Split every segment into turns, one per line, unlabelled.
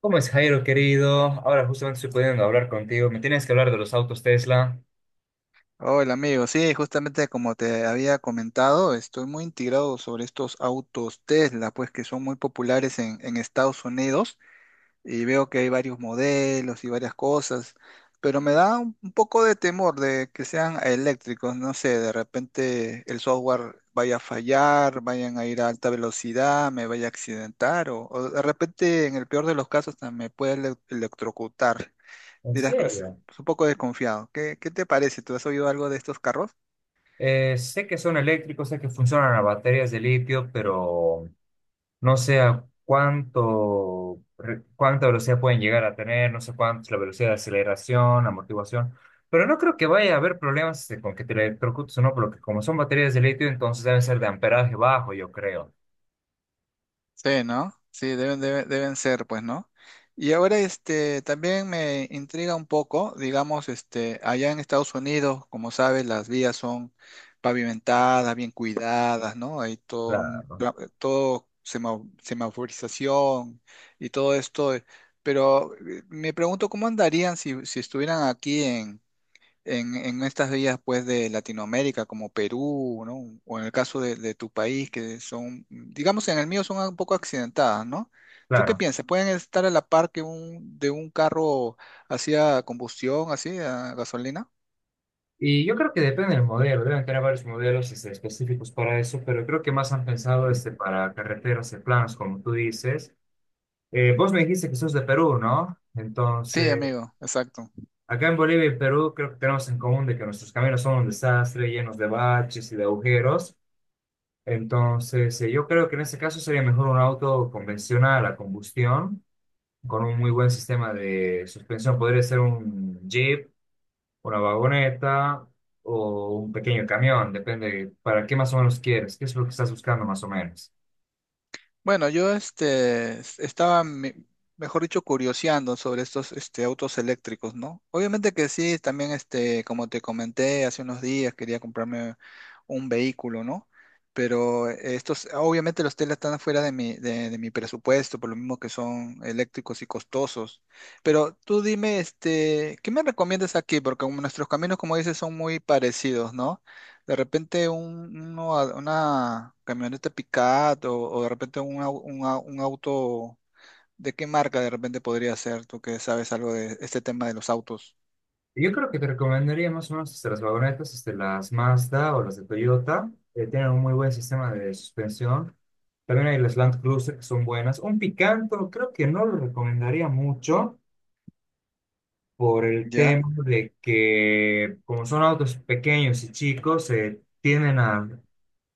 ¿Cómo es Jairo, querido? Ahora justamente estoy pudiendo hablar contigo. Me tienes que hablar de los autos Tesla.
Hola amigo, sí, justamente como te había comentado, estoy muy integrado sobre estos autos Tesla, pues que son muy populares en Estados Unidos y veo que hay varios modelos y varias cosas, pero me da un poco de temor de que sean eléctricos, no sé, de repente el software vaya a fallar, vayan a ir a alta velocidad, me vaya a accidentar o de repente en el peor de los casos hasta me puede electrocutar.
¿En
Dirás que
serio?
es un poco desconfiado. Qué te parece? ¿Tú has oído algo de estos carros?
Sé que son eléctricos, sé que funcionan a baterías de litio, pero no sé a cuánto, cuánta velocidad pueden llegar a tener, no sé cuánto es la velocidad de aceleración, amortiguación. Pero no creo que vaya a haber problemas este, con que te electrocutes o no, porque como son baterías de litio, entonces deben ser de amperaje bajo, yo creo.
Sí, ¿no? Sí, deben ser, pues, ¿no? Y ahora, este, también me intriga un poco, digamos, este, allá en Estados Unidos, como sabes, las vías son pavimentadas, bien cuidadas, ¿no? Hay
Claro,
todo semaforización y todo esto, pero me pregunto cómo andarían si estuvieran aquí en estas vías pues de Latinoamérica como Perú, ¿no? O en el caso de tu país que son, digamos en el mío son un poco accidentadas, ¿no? ¿Tú qué
claro.
piensas? ¿Pueden estar a la par que un, de un carro hacia combustión, así, a gasolina?
Y yo creo que depende del modelo, deben tener varios modelos este, específicos para eso, pero creo que más han pensado este, para carreteras y planos, como tú dices. Vos me dijiste que sos de Perú, ¿no?
Sí,
Entonces,
amigo, exacto.
acá en Bolivia y Perú creo que tenemos en común de que nuestros caminos son un desastre, llenos de baches y de agujeros. Entonces, yo creo que en este caso sería mejor un auto convencional a combustión, con un muy buen sistema de suspensión. Podría ser un Jeep una vagoneta o un pequeño camión, depende de para qué más o menos quieres, qué es lo que estás buscando más o menos.
Bueno, yo este, mejor dicho, curioseando sobre estos este, autos eléctricos, ¿no? Obviamente que sí, también este, como te comenté hace unos días, quería comprarme un vehículo, ¿no? Pero estos, obviamente los Tesla están fuera de mi, de mi presupuesto, por lo mismo que son eléctricos y costosos. Pero tú dime, este, ¿qué me recomiendas aquí? Porque como nuestros caminos, como dices, son muy parecidos, ¿no? De repente una camioneta pickup o de repente un auto, ¿de qué marca de repente podría ser? Tú que sabes algo de este tema de los autos.
Yo creo que te recomendaría más o menos este, las vagonetas, este, las Mazda o las de Toyota, tienen un muy buen sistema de suspensión. También hay las Land Cruiser que son buenas. Un Picanto creo que no lo recomendaría mucho por el
Ya,
tema de que como son autos pequeños y chicos, se tienden a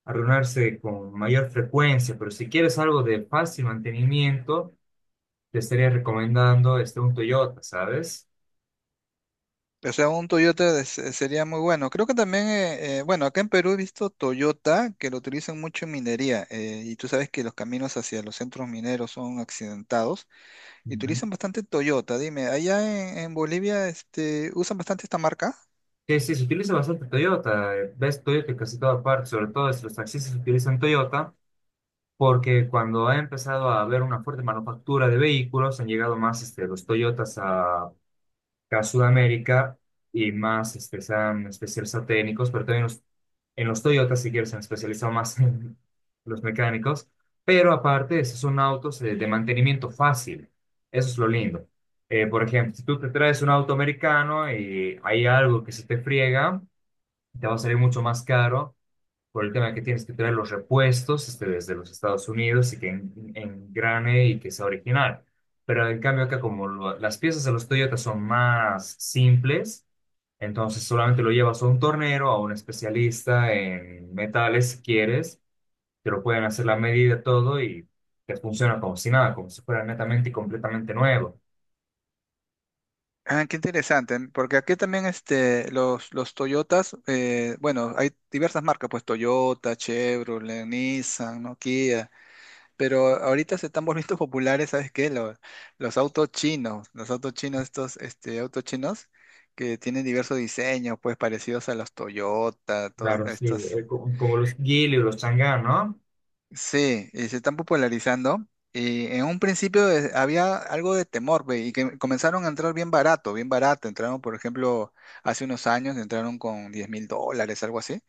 arruinarse con mayor frecuencia, pero si quieres algo de fácil mantenimiento, te estaría recomendando este, un Toyota, ¿sabes?
o sea, un Toyota sería muy bueno. Creo que también, bueno, acá en Perú he visto Toyota que lo utilizan mucho en minería y tú sabes que los caminos hacia los centros mineros son accidentados y
Ujú.
utilizan bastante Toyota. Dime, ¿allá en Bolivia este, usan bastante esta marca?
Sí, sí, se utiliza bastante Toyota. Ves Toyota en casi toda parte, sobre todo los taxistas utilizan Toyota porque cuando ha empezado a haber una fuerte manufactura de vehículos, han llegado más este, los Toyotas a acá a Sudamérica y más este, se han especializado técnicos, pero también en los Toyota, si quieres, se han especializado más en los mecánicos. Pero aparte, esos son autos de mantenimiento fácil. Eso es lo lindo. Por ejemplo, si tú te traes un auto americano y hay algo que se te friega, te va a salir mucho más caro por el tema que tienes que traer los repuestos este, desde los Estados Unidos y que engrane y que sea original. Pero en cambio acá como las piezas de los Toyota son más simples, entonces solamente lo llevas a un tornero, a un especialista en metales si quieres, te lo pueden hacer la medida todo y te funciona como si nada, como si fuera netamente y completamente nuevo.
Ah, qué interesante, porque aquí también este, los Toyotas, bueno, hay diversas marcas, pues Toyota, Chevrolet, Nissan, ¿no? Kia, pero ahorita se están volviendo populares, ¿sabes qué? Los autos chinos, estos este, autos chinos que tienen diversos diseños, pues parecidos a los Toyota, todos
Claro, sí,
estos.
como los Gili o los Chang'an, ¿no?
Sí, y se están popularizando. Y en un principio había algo de temor, ve, y que comenzaron a entrar bien barato, bien barato. Entraron, por ejemplo, hace unos años, entraron con $10.000, algo así,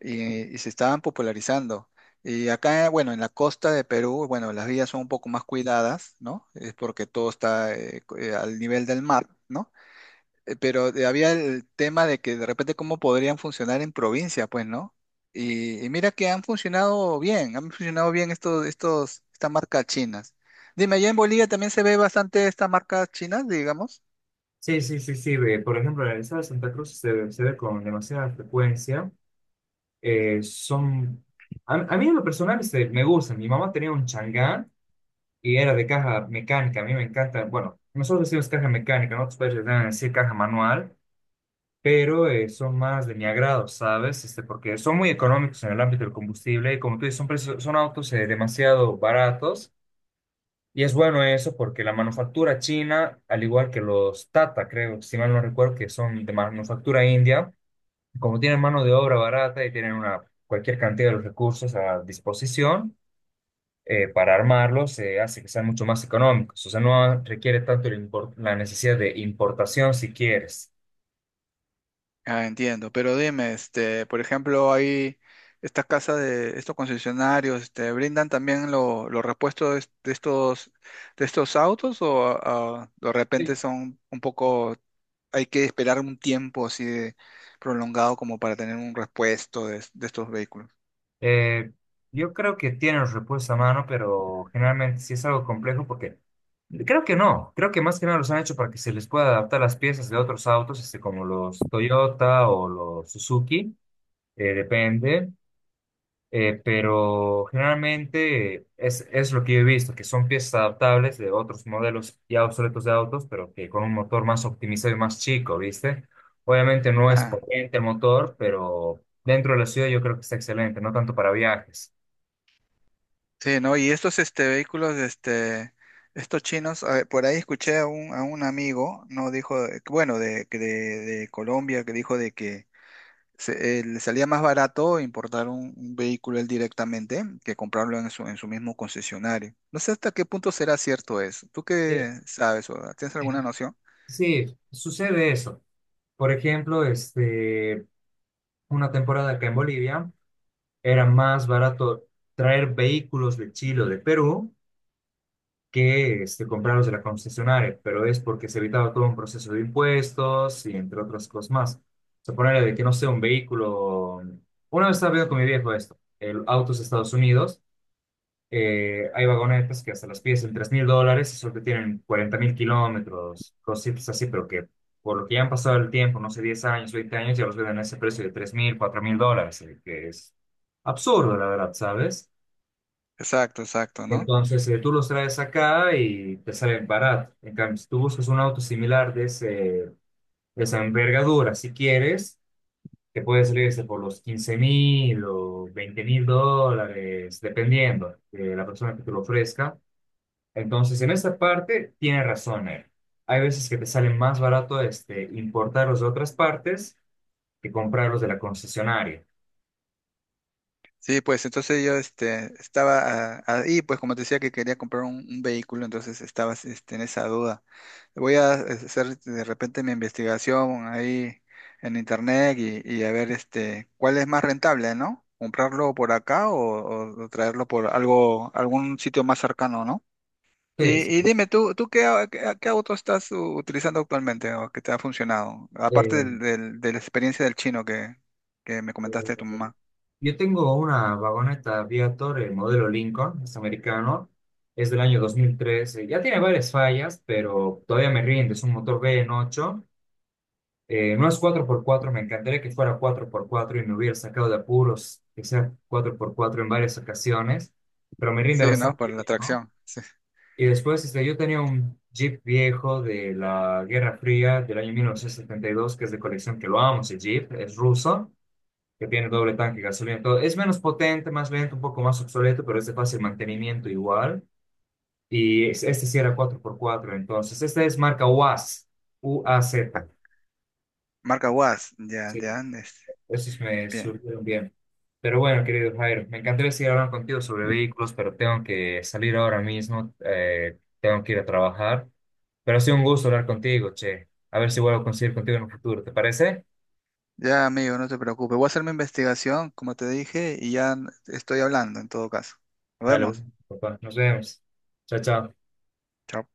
y se estaban popularizando. Y acá, bueno, en la costa de Perú, bueno, las vías son un poco más cuidadas, ¿no? Es porque todo está al nivel del mar, ¿no? Eh, pero había el tema de que de repente cómo podrían funcionar en provincia, pues, ¿no? Y mira que han funcionado bien estas marcas chinas. Dime, ¿allá en Bolivia también se ve bastante estas marcas chinas, digamos?
Sí, sí, sí, sí. Ve, por ejemplo, en el estado de Santa Cruz se ve con demasiada frecuencia son... A mí en lo personal este, me gustan. Mi mamá tenía un Chang'an y era de caja mecánica. A mí me encanta. Bueno, nosotros decimos caja mecánica, ¿no? Ustedes deben decir caja manual, pero son más de mi agrado, ¿sabes? Este, porque son muy económicos en el ámbito del combustible y como tú dices, son, son autos demasiado baratos. Y es bueno eso porque la manufactura china, al igual que los Tata, creo, si mal no recuerdo, que son de manufactura india, como tienen mano de obra barata y tienen una, cualquier cantidad de los recursos a disposición, para armarlos se hace que sean mucho más económicos. O sea, no requiere tanto el la necesidad de importación si quieres.
Ah, entiendo, pero dime, este, por ejemplo, hay estas casas de estos concesionarios, este, ¿brindan también los repuestos de de estos autos o ah, de repente
Sí.
son un poco, hay que esperar un tiempo así de prolongado como para tener un repuesto de estos vehículos?
Eh, yo creo que tienen los repuestos a mano, pero generalmente sí es algo complejo porque creo que no. Creo que más que nada los han hecho para que se les pueda adaptar las piezas de otros autos, este, como los Toyota o los Suzuki, depende. Pero generalmente es lo que yo he visto, que son piezas adaptables de otros modelos ya obsoletos de autos, pero que con un motor más optimizado y más chico, ¿viste? Obviamente no es
Ah,
potente el motor, pero dentro de la ciudad yo creo que está excelente, no tanto para viajes.
sí, ¿no? Y estos este, vehículos, este, estos chinos, a ver, por ahí escuché a un amigo, ¿no? Dijo, bueno, de Colombia, que dijo de que le salía más barato importar un vehículo él directamente que comprarlo en su mismo concesionario. No sé hasta qué punto será cierto eso. ¿Tú
Eh,
qué sabes o tienes
eh,
alguna noción?
sí, sucede eso. Por ejemplo, este, una temporada acá en Bolivia, era más barato traer vehículos de Chile o de Perú que este, comprarlos de la concesionaria, pero es porque se evitaba todo un proceso de impuestos y entre otras cosas más. O sea, de que no sea un vehículo. Una vez estaba viendo con mi viejo esto, el autos de Estados Unidos, hay vagonetas que hasta las pides en $3.000 y solo te tienen 40.000 kilómetros, cositas así, pero que por lo que ya han pasado el tiempo, no sé, 10 años, 20 años, ya los venden a ese precio de $3.000, $4.000, que es absurdo, la verdad, ¿sabes?
Exacto, exacto, ¿no?
Entonces, tú los traes acá y te salen barato. En cambio, si tú buscas un auto similar de, ese, de esa envergadura, si quieres, te puede salir ese por los $15.000 o $20.000, dependiendo de la persona que te lo ofrezca. Entonces, en esa parte, tiene razón él. Hay veces que te sale más barato este, importarlos de otras partes que comprarlos de la concesionaria.
Sí, pues entonces yo este, estaba ah, ahí, pues como te decía que quería comprar un vehículo, entonces estaba este, en esa duda. Voy a hacer de repente mi investigación ahí en internet y a ver este, cuál es más rentable, ¿no? ¿Comprarlo por acá o traerlo por algo, algún sitio más cercano, ¿no?
Sí, sí.
Y dime, tú qué, qué auto estás utilizando actualmente o que te ha funcionado? Aparte
Eh,
de la experiencia del chino que me
eh,
comentaste de tu mamá.
yo tengo una vagoneta Viator, el modelo Lincoln, es americano, es del año 2013, ya tiene varias fallas, pero todavía me rinde, es un motor V8, no es cuatro por cuatro. Me encantaría que fuera cuatro por cuatro y me hubiera sacado de apuros que sea 4x4 en varias ocasiones, pero me rinde
Sí, ¿no?
bastante
Por la
bien, ¿no?
atracción. Sí.
Y después este, yo tenía un Jeep viejo de la Guerra Fría del año 1972, que es de colección, que lo amo, ese Jeep, es ruso que tiene doble tanque gasolina. Todo. Es menos potente, más lento, un poco más obsoleto, pero es de fácil mantenimiento igual. Y este sí era 4x4, entonces. Esta es marca UAZ, UAZ.
Marca WAS. Ya,
Sí,
ya. Este,
esos me
bien.
surgieron bien. Pero bueno, querido Jairo, me encantaría seguir hablando contigo sobre vehículos, pero tengo que salir ahora mismo, tengo que ir a trabajar. Pero ha sido un gusto hablar contigo, che. A ver si vuelvo a conseguir contigo en un futuro, ¿te parece?
Ya, amigo, no te preocupes. Voy a hacer mi investigación, como te dije, y ya estoy hablando en todo caso. Nos
Dale,
vemos.
bueno, papá, nos vemos. Chao, chao.
Chao.